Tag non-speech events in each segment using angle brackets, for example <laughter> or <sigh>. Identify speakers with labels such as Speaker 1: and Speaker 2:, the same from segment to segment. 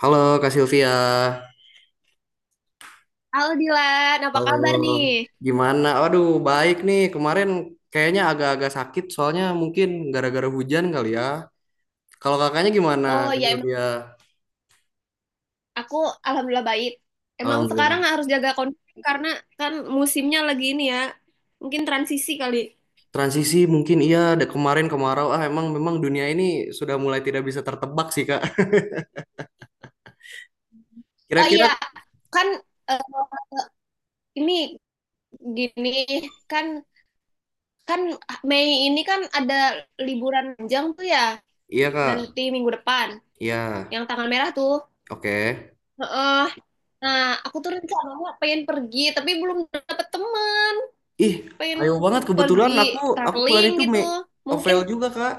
Speaker 1: Halo Kak Sylvia.
Speaker 2: Halo Dilan, apa
Speaker 1: Halo.
Speaker 2: kabar nih?
Speaker 1: Gimana? Waduh baik nih. Kemarin kayaknya agak-agak sakit soalnya mungkin gara-gara hujan kali ya. Kalau kakaknya gimana
Speaker 2: Oh
Speaker 1: Kak
Speaker 2: ya emang
Speaker 1: Sylvia?
Speaker 2: aku alhamdulillah baik. Emang
Speaker 1: Alhamdulillah.
Speaker 2: sekarang harus jaga kondisi karena kan musimnya lagi ini ya, mungkin transisi kali.
Speaker 1: Transisi mungkin iya ada kemarin kemarau. Ah, emang memang dunia ini sudah mulai tidak bisa tertebak sih, Kak. <laughs>
Speaker 2: Oh
Speaker 1: Kira-kira
Speaker 2: iya, kan eh, ini gini kan kan Mei ini kan ada liburan panjang tuh ya,
Speaker 1: iya, Kak.
Speaker 2: nanti minggu depan
Speaker 1: Iya.
Speaker 2: yang tanggal merah tuh.
Speaker 1: Oke.
Speaker 2: Heeh. Nah, aku tuh rencananya pengen pergi tapi belum dapet teman,
Speaker 1: Ih,
Speaker 2: pengen
Speaker 1: ayo banget
Speaker 2: pergi
Speaker 1: kebetulan aku bulan
Speaker 2: traveling
Speaker 1: itu
Speaker 2: gitu. Mungkin
Speaker 1: Ovel juga, Kak.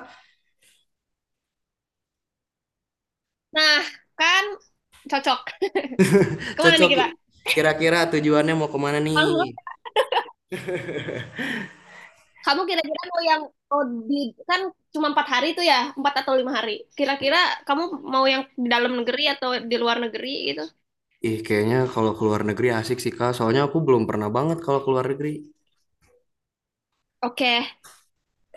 Speaker 2: Nah, kan cocok. Kemana nih
Speaker 1: Cocok
Speaker 2: kita?
Speaker 1: kira-kira tujuannya mau kemana
Speaker 2: Kamu
Speaker 1: nih?
Speaker 2: kamu kira-kira mau yang mau di kan cuma 4 hari tuh ya, 4 atau 5 hari. Kira-kira kamu mau yang di dalam negeri atau di luar negeri gitu?
Speaker 1: Ih, kayaknya kalau ke luar negeri asik sih, Kak. Soalnya aku belum pernah banget kalau ke luar negeri.
Speaker 2: Oke,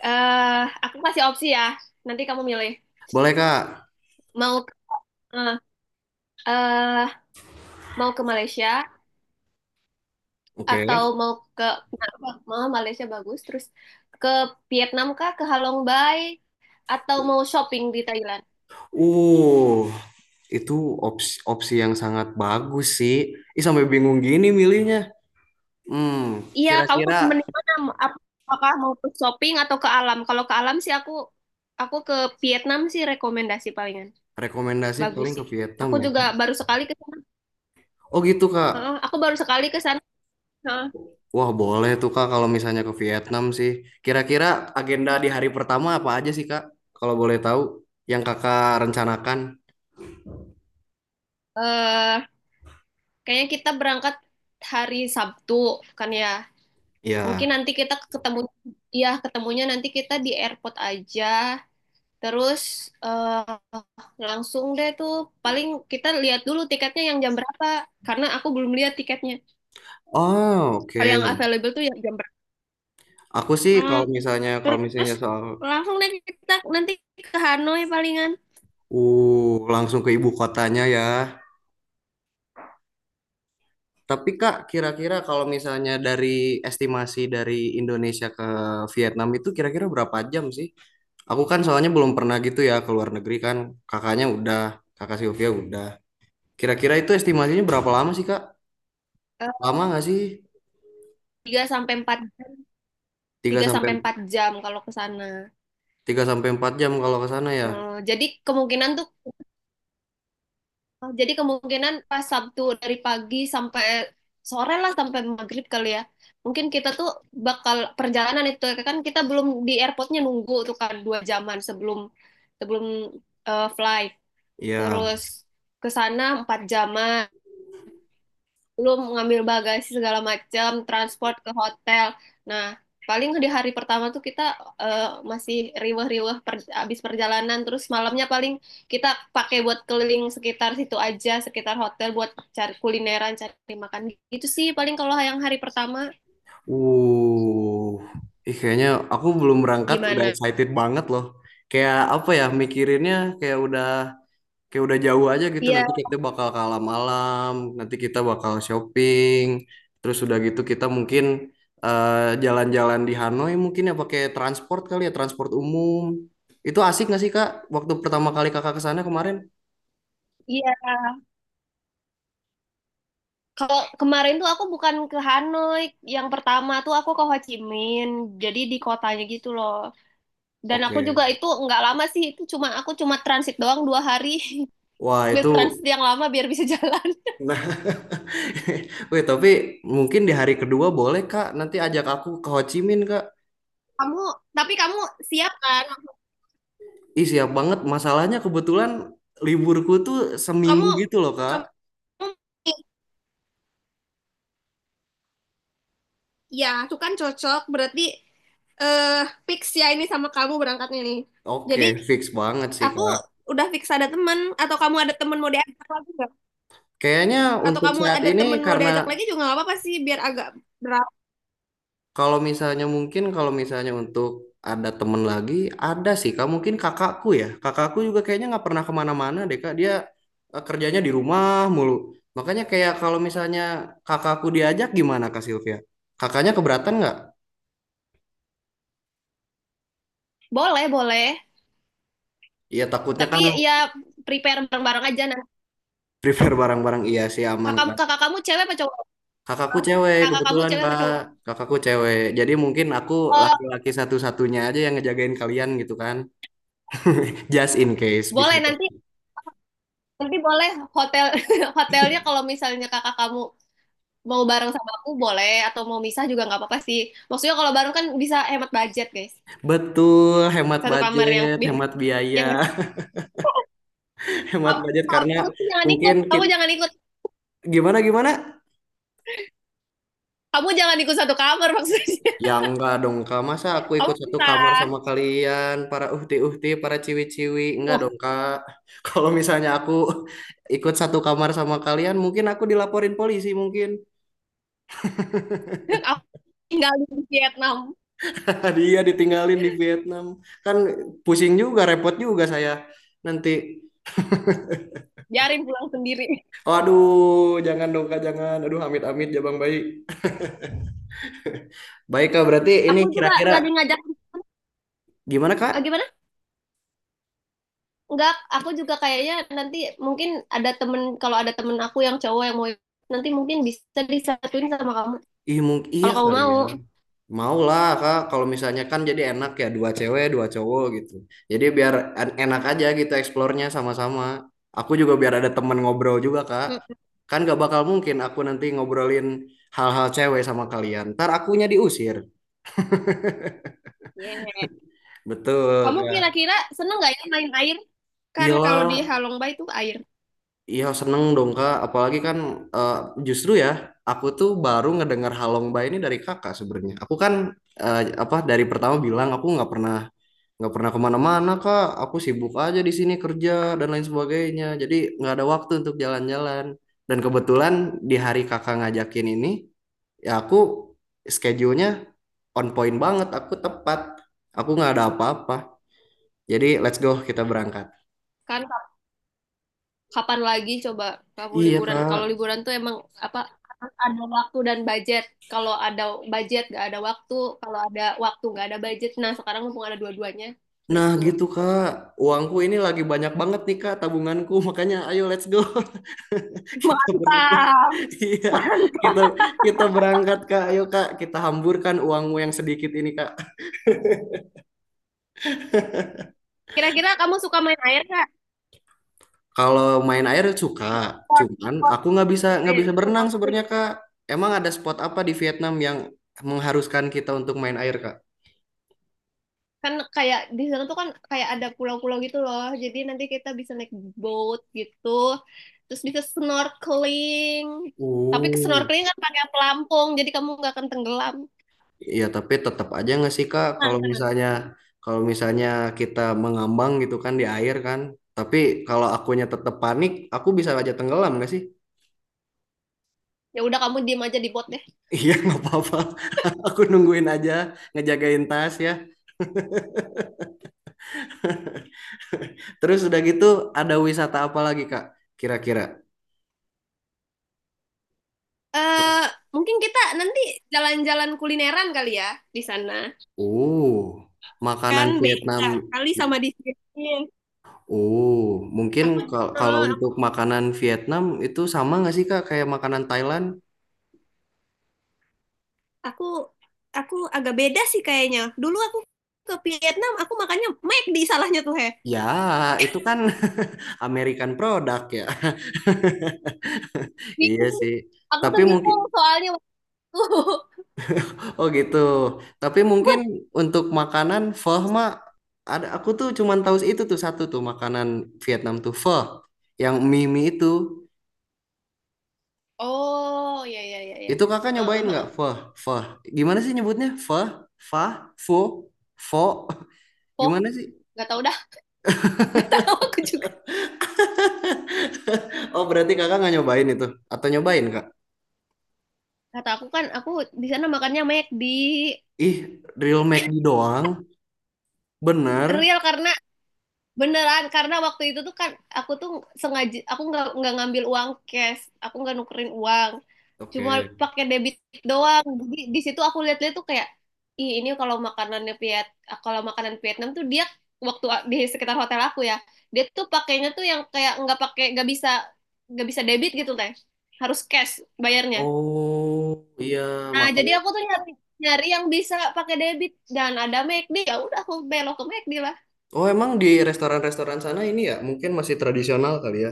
Speaker 2: eh aku kasih opsi ya. Nanti kamu milih
Speaker 1: Boleh, Kak?
Speaker 2: mau eh eh, mau ke Malaysia
Speaker 1: Oke.
Speaker 2: atau mau Malaysia bagus, terus ke Vietnam kah, ke Halong Bay, atau mau shopping di Thailand?
Speaker 1: Uh, itu opsi, opsi yang sangat bagus sih. Ih, sampai bingung gini milihnya. Hmm,
Speaker 2: Iya, kamu
Speaker 1: Kira-kira
Speaker 2: mending mana? Ap- Apakah mau ke shopping atau ke alam? Kalau ke alam sih aku ke Vietnam sih rekomendasi palingan.
Speaker 1: rekomendasi
Speaker 2: Bagus
Speaker 1: paling ke
Speaker 2: sih.
Speaker 1: Vietnam
Speaker 2: Aku
Speaker 1: ya.
Speaker 2: juga baru sekali ke sana.
Speaker 1: Oh gitu, Kak.
Speaker 2: Heeh, aku baru sekali ke sana. Heeh.
Speaker 1: Wah, boleh tuh, Kak, kalau misalnya ke Vietnam sih. Kira-kira agenda di hari pertama apa aja sih, Kak? Kalau boleh tahu, yang Kakak rencanakan.
Speaker 2: Eh, Kayaknya kita berangkat hari Sabtu kan ya. Mungkin
Speaker 1: Ya.
Speaker 2: nanti kita ketemu, ya ketemunya nanti kita di airport aja. Terus eh, langsung deh tuh, paling kita lihat dulu tiketnya yang jam berapa, karena aku belum lihat tiketnya
Speaker 1: Oh,
Speaker 2: yang
Speaker 1: oke.
Speaker 2: available tuh yang jam.
Speaker 1: Aku sih
Speaker 2: Hmm,
Speaker 1: kalau misalnya kalau
Speaker 2: Terus
Speaker 1: misalnya soal
Speaker 2: langsung deh kita nanti ke Hanoi palingan.
Speaker 1: langsung ke ibu kotanya ya. Tapi Kak, kira-kira kalau misalnya dari estimasi dari Indonesia ke Vietnam itu kira-kira berapa jam sih? Aku kan soalnya belum pernah gitu ya ke luar negeri kan. Kakaknya udah, Kakak Sylvia udah. Kira-kira itu estimasinya berapa lama sih Kak?
Speaker 2: Eh,
Speaker 1: Lama nggak sih?
Speaker 2: 3 sampai empat
Speaker 1: 3
Speaker 2: tiga
Speaker 1: sampai
Speaker 2: sampai empat jam kalau ke sana.
Speaker 1: tiga sampai 4 jam kalau ke sana ya.
Speaker 2: Jadi kemungkinan tuh jadi kemungkinan pas Sabtu dari pagi sampai sore lah, sampai maghrib kali ya. Mungkin kita tuh bakal perjalanan itu ya. Kan kita belum, di airportnya nunggu tuh kan 2 jaman sebelum sebelum eh, flight.
Speaker 1: Iya.
Speaker 2: Terus ke sana 4 jaman. Belum ngambil bagasi segala macam, transport ke hotel. Nah, paling di hari pertama tuh kita eh, masih riweh-riweh, abis perjalanan, terus malamnya paling kita pakai buat keliling sekitar situ aja, sekitar hotel buat cari kulineran, cari makan gitu sih. Paling kalau yang hari pertama
Speaker 1: Uh, Ih kayaknya aku belum berangkat udah
Speaker 2: gimana?
Speaker 1: excited banget loh. Kayak apa ya mikirinnya kayak udah jauh aja gitu.
Speaker 2: Iya,
Speaker 1: Nanti kita bakal ke alam, nanti kita bakal shopping, terus udah gitu kita mungkin eh, jalan-jalan di Hanoi mungkin ya pakai transport kali ya, transport umum. Itu asik nggak sih Kak? Waktu pertama kali Kakak ke sana kemarin?
Speaker 2: iya. Kalau kemarin tuh aku bukan ke Hanoi, yang pertama tuh aku ke Ho Chi Minh, jadi di kotanya gitu loh. Dan aku juga
Speaker 1: Oke.
Speaker 2: itu nggak lama sih, itu cuma aku cuma transit doang 2 hari.
Speaker 1: Wah
Speaker 2: <laughs> Ambil
Speaker 1: itu.
Speaker 2: transit yang lama biar bisa jalan.
Speaker 1: <laughs>
Speaker 2: <laughs>
Speaker 1: Nah, wih, tapi mungkin di hari kedua boleh Kak. Nanti ajak aku ke Ho Chi Minh Kak.
Speaker 2: Kamu, tapi kamu siap kan?
Speaker 1: Ih, siap banget. Masalahnya kebetulan liburku tuh
Speaker 2: Kamu,
Speaker 1: seminggu gitu loh, Kak.
Speaker 2: kamu, Ya, itu kan cocok. Berarti eh fix ya ini sama kamu berangkatnya nih. Jadi
Speaker 1: Oke, fix banget sih,
Speaker 2: aku
Speaker 1: Kak.
Speaker 2: udah fix ada temen, atau kamu ada temen mau diajak lagi nggak?
Speaker 1: Kayaknya
Speaker 2: Atau
Speaker 1: untuk
Speaker 2: kamu
Speaker 1: saat
Speaker 2: ada
Speaker 1: ini,
Speaker 2: temen mau
Speaker 1: karena
Speaker 2: diajak lagi juga nggak apa-apa sih, biar agak berat.
Speaker 1: kalau misalnya mungkin, kalau misalnya untuk ada temen lagi, ada sih, Kak. Mungkin kakakku ya. Kakakku juga kayaknya nggak pernah kemana-mana deh, Kak. Dia kerjanya di rumah mulu. Makanya kayak kalau misalnya kakakku diajak gimana, Kak Sylvia? Kakaknya keberatan nggak?
Speaker 2: Boleh, boleh.
Speaker 1: Iya, takutnya
Speaker 2: Tapi
Speaker 1: kan
Speaker 2: ya prepare bareng-bareng aja. Nah,
Speaker 1: prepare barang-barang, iya sih aman,
Speaker 2: kakak,
Speaker 1: Kak.
Speaker 2: kakak kamu cewek apa cowok?
Speaker 1: Kakakku cewek
Speaker 2: Kakak kamu
Speaker 1: kebetulan
Speaker 2: cewek apa
Speaker 1: Kak,
Speaker 2: cowok?
Speaker 1: kakakku cewek. Jadi mungkin aku
Speaker 2: Eh,
Speaker 1: laki-laki satu-satunya aja yang ngejagain kalian gitu kan. <laughs> Just in case bisa
Speaker 2: boleh
Speaker 1: jadi.
Speaker 2: nanti nanti boleh hotel <laughs> hotelnya kalau misalnya kakak kamu mau bareng sama aku boleh, atau mau misah juga nggak apa-apa sih. Maksudnya kalau bareng kan bisa hemat budget guys.
Speaker 1: Betul, hemat
Speaker 2: Satu kamar yang
Speaker 1: budget,
Speaker 2: bin
Speaker 1: hemat biaya,
Speaker 2: yang
Speaker 1: <laughs> hemat budget
Speaker 2: Kamu
Speaker 1: karena
Speaker 2: tuh jangan
Speaker 1: mungkin
Speaker 2: ikut, kamu
Speaker 1: kita,
Speaker 2: jangan ikut,
Speaker 1: gimana gimana?
Speaker 2: kamu jangan ikut satu kamar maksudnya. <laughs>
Speaker 1: Ya, enggak dong Kak, masa aku
Speaker 2: Kamu
Speaker 1: ikut satu
Speaker 2: bisa.
Speaker 1: kamar sama kalian, para uhti-uhti, para ciwi-ciwi, enggak
Speaker 2: Oh,
Speaker 1: dong Kak. <laughs> Kalau misalnya aku ikut satu kamar sama kalian, mungkin aku dilaporin polisi mungkin.
Speaker 2: <laughs> aku tinggal di Vietnam,
Speaker 1: Ah, dia ditinggalin di Vietnam. Kan pusing juga, repot juga saya nanti.
Speaker 2: biarin pulang sendiri.
Speaker 1: Waduh, jangan dong Kak, jangan. Aduh, amit-amit Jabang Bayi. <laughs> Baik Kak, berarti ini
Speaker 2: Aku juga
Speaker 1: kira-kira
Speaker 2: lagi ngajak,
Speaker 1: gimana
Speaker 2: eh,
Speaker 1: Kak?
Speaker 2: gimana Enggak, aku juga kayaknya nanti mungkin ada temen, kalau ada temen aku yang cowok yang mau nanti mungkin bisa disatuin sama kamu,
Speaker 1: Ih, iya
Speaker 2: kalau kamu
Speaker 1: kali
Speaker 2: mau.
Speaker 1: ya. Mau lah Kak, kalau misalnya kan jadi enak ya, dua cewek, dua cowok gitu. Jadi biar enak aja gitu eksplornya sama-sama. Aku juga biar ada temen ngobrol juga Kak.
Speaker 2: Mm,
Speaker 1: Kan gak bakal mungkin aku nanti ngobrolin hal-hal cewek sama kalian. Ntar akunya diusir.
Speaker 2: yeah.
Speaker 1: Betul,
Speaker 2: Kamu
Speaker 1: Kak.
Speaker 2: kira-kira seneng nggak ya main air? Kan kalau di
Speaker 1: Iyalah,
Speaker 2: Halongba itu air.
Speaker 1: iya seneng dong, Kak. Apalagi kan eh, justru ya, aku tuh baru ngedengar Halongba ini dari Kakak sebenarnya. Aku kan eh, apa, dari pertama bilang aku nggak pernah kemana-mana, Kak. Aku sibuk aja di sini kerja dan lain sebagainya. Jadi nggak ada waktu untuk jalan-jalan. Dan kebetulan di hari Kakak ngajakin ini, ya aku schedule-nya on point banget. Aku tepat. Aku nggak ada apa-apa. Jadi let's go, kita berangkat.
Speaker 2: Kan kapan lagi coba kamu
Speaker 1: Iya
Speaker 2: liburan? Kalau
Speaker 1: Kak,
Speaker 2: liburan tuh emang apa ada waktu dan budget. Kalau ada budget nggak ada waktu. Kalau ada waktu nggak ada budget. Nah sekarang mumpung ada dua-duanya,
Speaker 1: nah
Speaker 2: let's go.
Speaker 1: gitu Kak, uangku ini lagi banyak banget nih Kak, tabunganku, <laughs> makanya ayo let's go. <laughs>
Speaker 2: <laughs>
Speaker 1: Kita berangkat.
Speaker 2: Mantap.
Speaker 1: Iya,
Speaker 2: Mantap.
Speaker 1: kita kita berangkat Kak. Ayo Kak, kita hamburkan uangmu yang sedikit ini Kak.
Speaker 2: Kira-kira kamu suka main air nggak?
Speaker 1: Kalau main air suka,
Speaker 2: Port,
Speaker 1: cuman
Speaker 2: port,
Speaker 1: aku nggak bisa nggak
Speaker 2: air,
Speaker 1: bisa berenang
Speaker 2: snorkeling.
Speaker 1: sebenarnya Kak. Emang ada spot apa di Vietnam yang mengharuskan kita untuk main air Kak?
Speaker 2: Kan kayak di sana tuh kan kayak ada pulau-pulau gitu loh. Jadi nanti kita bisa naik boat gitu. Terus bisa snorkeling. Tapi ke
Speaker 1: Oh.
Speaker 2: snorkeling kan pakai pelampung, jadi kamu nggak akan tenggelam.
Speaker 1: Iya, tapi tetap aja nggak sih Kak,
Speaker 2: Tenang,
Speaker 1: kalau
Speaker 2: tenang.
Speaker 1: misalnya kalau misalnya kita mengambang gitu kan di air kan, tapi kalau akunya tetap panik, aku bisa aja tenggelam nggak sih?
Speaker 2: Ya udah kamu diem aja di bot deh.
Speaker 1: Iya, <laughs> nggak apa-apa. <laughs> Aku nungguin aja, ngejagain tas ya. <laughs> Terus udah gitu, ada wisata apa lagi Kak? Kira-kira?
Speaker 2: Eh, Mungkin kita nanti jalan-jalan kulineran kali ya di sana.
Speaker 1: Oh, makanan
Speaker 2: Kan
Speaker 1: Vietnam.
Speaker 2: beda kali sama di sini.
Speaker 1: Oh, mungkin
Speaker 2: Aku,
Speaker 1: kalau
Speaker 2: eh,
Speaker 1: untuk makanan Vietnam itu sama nggak sih Kak kayak makanan Thailand?
Speaker 2: aku aku agak beda sih kayaknya. Dulu aku ke Vietnam, aku makannya McD salahnya tuh, Heh.
Speaker 1: Ya, itu kan <laughs> American product ya. <laughs> Iya
Speaker 2: Bingung.
Speaker 1: sih.
Speaker 2: Aku
Speaker 1: Tapi
Speaker 2: tuh
Speaker 1: mungkin
Speaker 2: bingung soalnya waktu. <laughs>
Speaker 1: oh gitu. Tapi mungkin untuk makanan pho mah ada, aku tuh cuman tahu itu tuh satu tuh makanan Vietnam tuh pho, yang mie mie itu.
Speaker 2: Oh, ya ya ya ya.
Speaker 1: Itu kakak nyobain
Speaker 2: Heeh,
Speaker 1: nggak
Speaker 2: heeh.
Speaker 1: pho pho? Gimana sih nyebutnya, pho, fa, fo, fo? <laughs>
Speaker 2: Oh,
Speaker 1: Gimana sih?
Speaker 2: nggak tahu dah. <laughs> Tahu aku juga.
Speaker 1: <laughs> Oh, berarti kakak nggak nyobain itu atau nyobain Kak?
Speaker 2: Kata aku kan, aku di sana makannya McD.
Speaker 1: Ih, real McD doang, bener.
Speaker 2: Real karena Beneran, karena waktu itu tuh kan aku tuh sengaja aku nggak ngambil uang cash, aku nggak nukerin uang, cuma
Speaker 1: Oke.
Speaker 2: pakai debit doang. Jadi di situ aku lihat-lihat tuh kayak, ih ini kalau makanan Vietnam tuh dia waktu di sekitar hotel aku ya, dia tuh pakainya tuh yang kayak nggak bisa debit gitu teh, harus cash bayarnya.
Speaker 1: Oh iya,
Speaker 2: Nah jadi
Speaker 1: makanya.
Speaker 2: aku tuh nyari nyari yang bisa pakai debit, dan ada McD, ya udah aku belok ke McD.
Speaker 1: Oh, emang di restoran-restoran sana ini ya mungkin masih tradisional kali ya?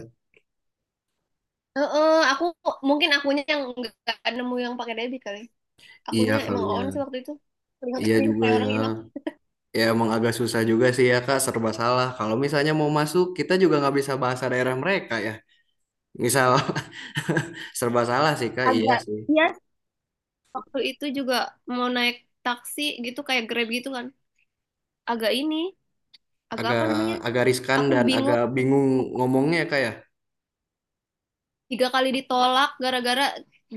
Speaker 2: Heeh, aku mungkin akunya yang nggak nemu yang pakai debit kali.
Speaker 1: Iya
Speaker 2: Akunya
Speaker 1: kali
Speaker 2: emang on sih
Speaker 1: ya.
Speaker 2: waktu itu.
Speaker 1: Iya
Speaker 2: Kelihatan
Speaker 1: juga
Speaker 2: kayak
Speaker 1: ya.
Speaker 2: orang hilang.
Speaker 1: Ya, emang agak susah juga sih ya Kak, serba salah. Kalau misalnya mau masuk, kita juga nggak bisa bahasa daerah mereka ya. Misal <laughs> serba salah sih Kak, iya
Speaker 2: Agak
Speaker 1: sih.
Speaker 2: iya. Waktu itu juga mau naik taksi gitu kayak Grab gitu kan. Agak ini, agak apa
Speaker 1: Agak
Speaker 2: namanya?
Speaker 1: agak riskan
Speaker 2: Aku
Speaker 1: dan
Speaker 2: bingung,
Speaker 1: agak bingung ngomongnya Kak ya.
Speaker 2: tiga kali ditolak gara-gara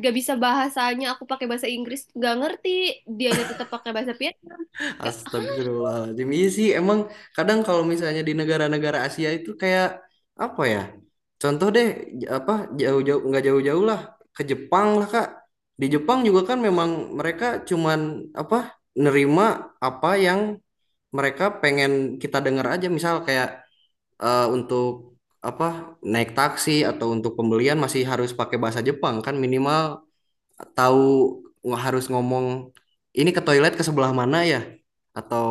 Speaker 2: gak bisa bahasanya. Aku pakai bahasa Inggris, gak ngerti. Dianya tetap pakai bahasa Vietnam. Gak-
Speaker 1: Astagfirullahaladzim. Iya sih, emang kadang kalau misalnya di negara-negara Asia itu kayak apa ya? Contoh deh, apa, jauh-jauh nggak jauh-jauh lah, ke Jepang lah Kak. Di Jepang juga kan
Speaker 2: Heeh.
Speaker 1: memang mereka cuman apa, nerima apa yang mereka pengen kita dengar aja. Misal kayak untuk apa naik taksi atau untuk pembelian masih harus pakai bahasa Jepang kan, minimal tahu, nggak harus ngomong ini ke toilet ke sebelah mana ya, atau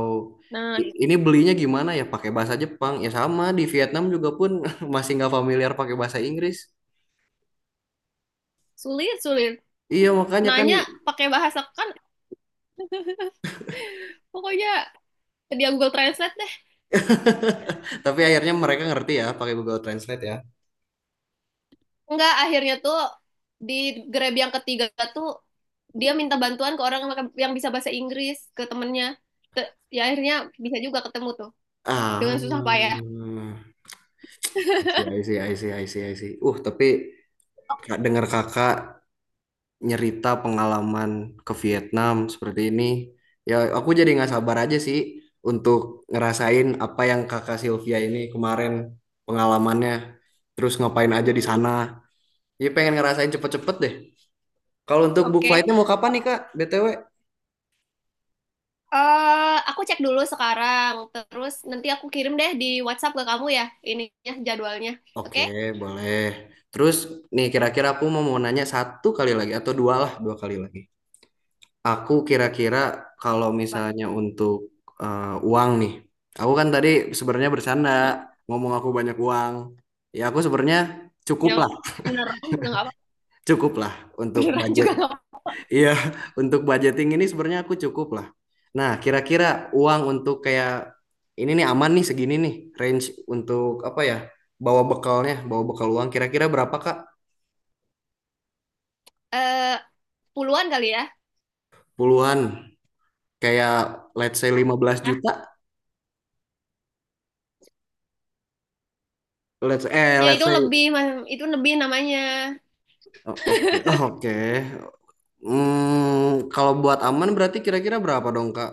Speaker 2: Nah,
Speaker 1: ini belinya gimana ya, pakai bahasa Jepang ya, sama di Vietnam juga pun <laughs> masih nggak familiar pakai bahasa Inggris,
Speaker 2: sulit sulit.
Speaker 1: iya makanya kan,
Speaker 2: Nanya pakai bahasa kan, pokoknya dia Google Translate.
Speaker 1: tapi akhirnya mereka ngerti ya pakai Google Translate ya,
Speaker 2: Enggak, akhirnya tuh di Grab yang ketiga tuh dia minta bantuan ke orang yang bisa bahasa Inggris, ke temennya. Ya akhirnya bisa juga ketemu tuh dengan
Speaker 1: ah,
Speaker 2: susah payah.
Speaker 1: I see, I see, I see, I see, I see. Tapi Kak, dengar kakak nyerita pengalaman ke Vietnam seperti ini. Ya, aku jadi nggak sabar aja sih untuk ngerasain apa yang Kakak Sylvia ini kemarin pengalamannya. Terus ngapain aja di
Speaker 2: Hmm,
Speaker 1: sana. Jadi pengen ngerasain cepet-cepet deh. Kalau untuk book
Speaker 2: Oke,
Speaker 1: flightnya mau kapan nih Kak? BTW.
Speaker 2: Aku cek dulu sekarang. Terus nanti aku kirim deh di WhatsApp ke kamu ya ininya jadwalnya.
Speaker 1: Oke,
Speaker 2: Oke?
Speaker 1: boleh. Terus nih kira-kira aku mau mau nanya satu kali lagi atau dua lah, dua kali lagi. Aku kira-kira kalau
Speaker 2: Bah,
Speaker 1: misalnya untuk uang nih, aku kan tadi sebenarnya bercanda
Speaker 2: hmm,
Speaker 1: ngomong aku banyak uang. Ya, aku sebenarnya cukup
Speaker 2: Yang
Speaker 1: lah,
Speaker 2: beneran juga nggak apa,
Speaker 1: cukup lah
Speaker 2: <laughs>
Speaker 1: untuk
Speaker 2: beneran
Speaker 1: budget.
Speaker 2: juga nggak apa.
Speaker 1: Iya, <laughs> untuk budgeting ini sebenarnya aku cukup lah. Nah, kira-kira uang untuk kayak ini nih aman nih, segini nih range, untuk apa ya? Bawa bekalnya, bawa bekal uang kira-kira berapa Kak?
Speaker 2: Eh, Puluhan kali ya?
Speaker 1: Puluhan, kayak let's say 15
Speaker 2: Ah,
Speaker 1: juta. Let's eh
Speaker 2: ya
Speaker 1: let's
Speaker 2: itu
Speaker 1: say
Speaker 2: lebih, Mas. Itu lebih namanya.
Speaker 1: Oh, oke, <laughs> oh, oke, kalau buat aman berarti kira-kira berapa dong, Kak?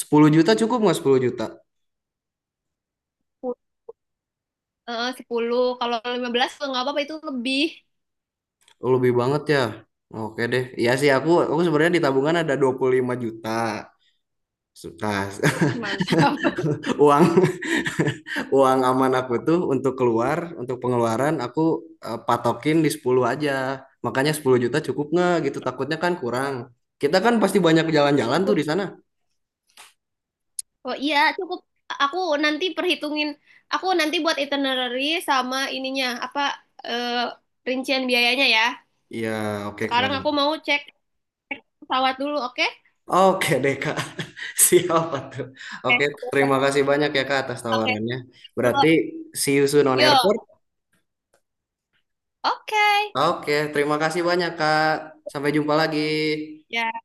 Speaker 1: 10 juta cukup nggak, 10 juta?
Speaker 2: 10, kalau 15 kalau nggak apa-apa itu lebih.
Speaker 1: Oh, lebih banget ya. Oke deh. Iya sih, aku sebenarnya di tabungan ada 25 juta. Nah, <laughs>
Speaker 2: Mantap. <laughs>
Speaker 1: uang, <laughs> uang aman aku tuh untuk keluar, untuk pengeluaran aku patokin di 10 aja. Makanya 10 juta cukup nggak gitu, takutnya kan kurang. Kita kan pasti banyak jalan-jalan tuh
Speaker 2: Cukup.
Speaker 1: di sana.
Speaker 2: Oh iya, cukup. Aku nanti perhitungin. Aku nanti buat itinerary sama ininya apa, eh, rincian biayanya ya.
Speaker 1: Iya, oke Kak.
Speaker 2: Sekarang aku mau cek pesawat dulu, oke?
Speaker 1: Oke deh Kak. <laughs> Siapa tuh? Oke,
Speaker 2: Oke.
Speaker 1: terima kasih banyak ya Kak atas
Speaker 2: Oke.
Speaker 1: tawarannya. Berarti see you soon on
Speaker 2: Yuk,
Speaker 1: airport.
Speaker 2: oke.
Speaker 1: Oke, terima kasih banyak Kak. Sampai jumpa lagi.
Speaker 2: Ya.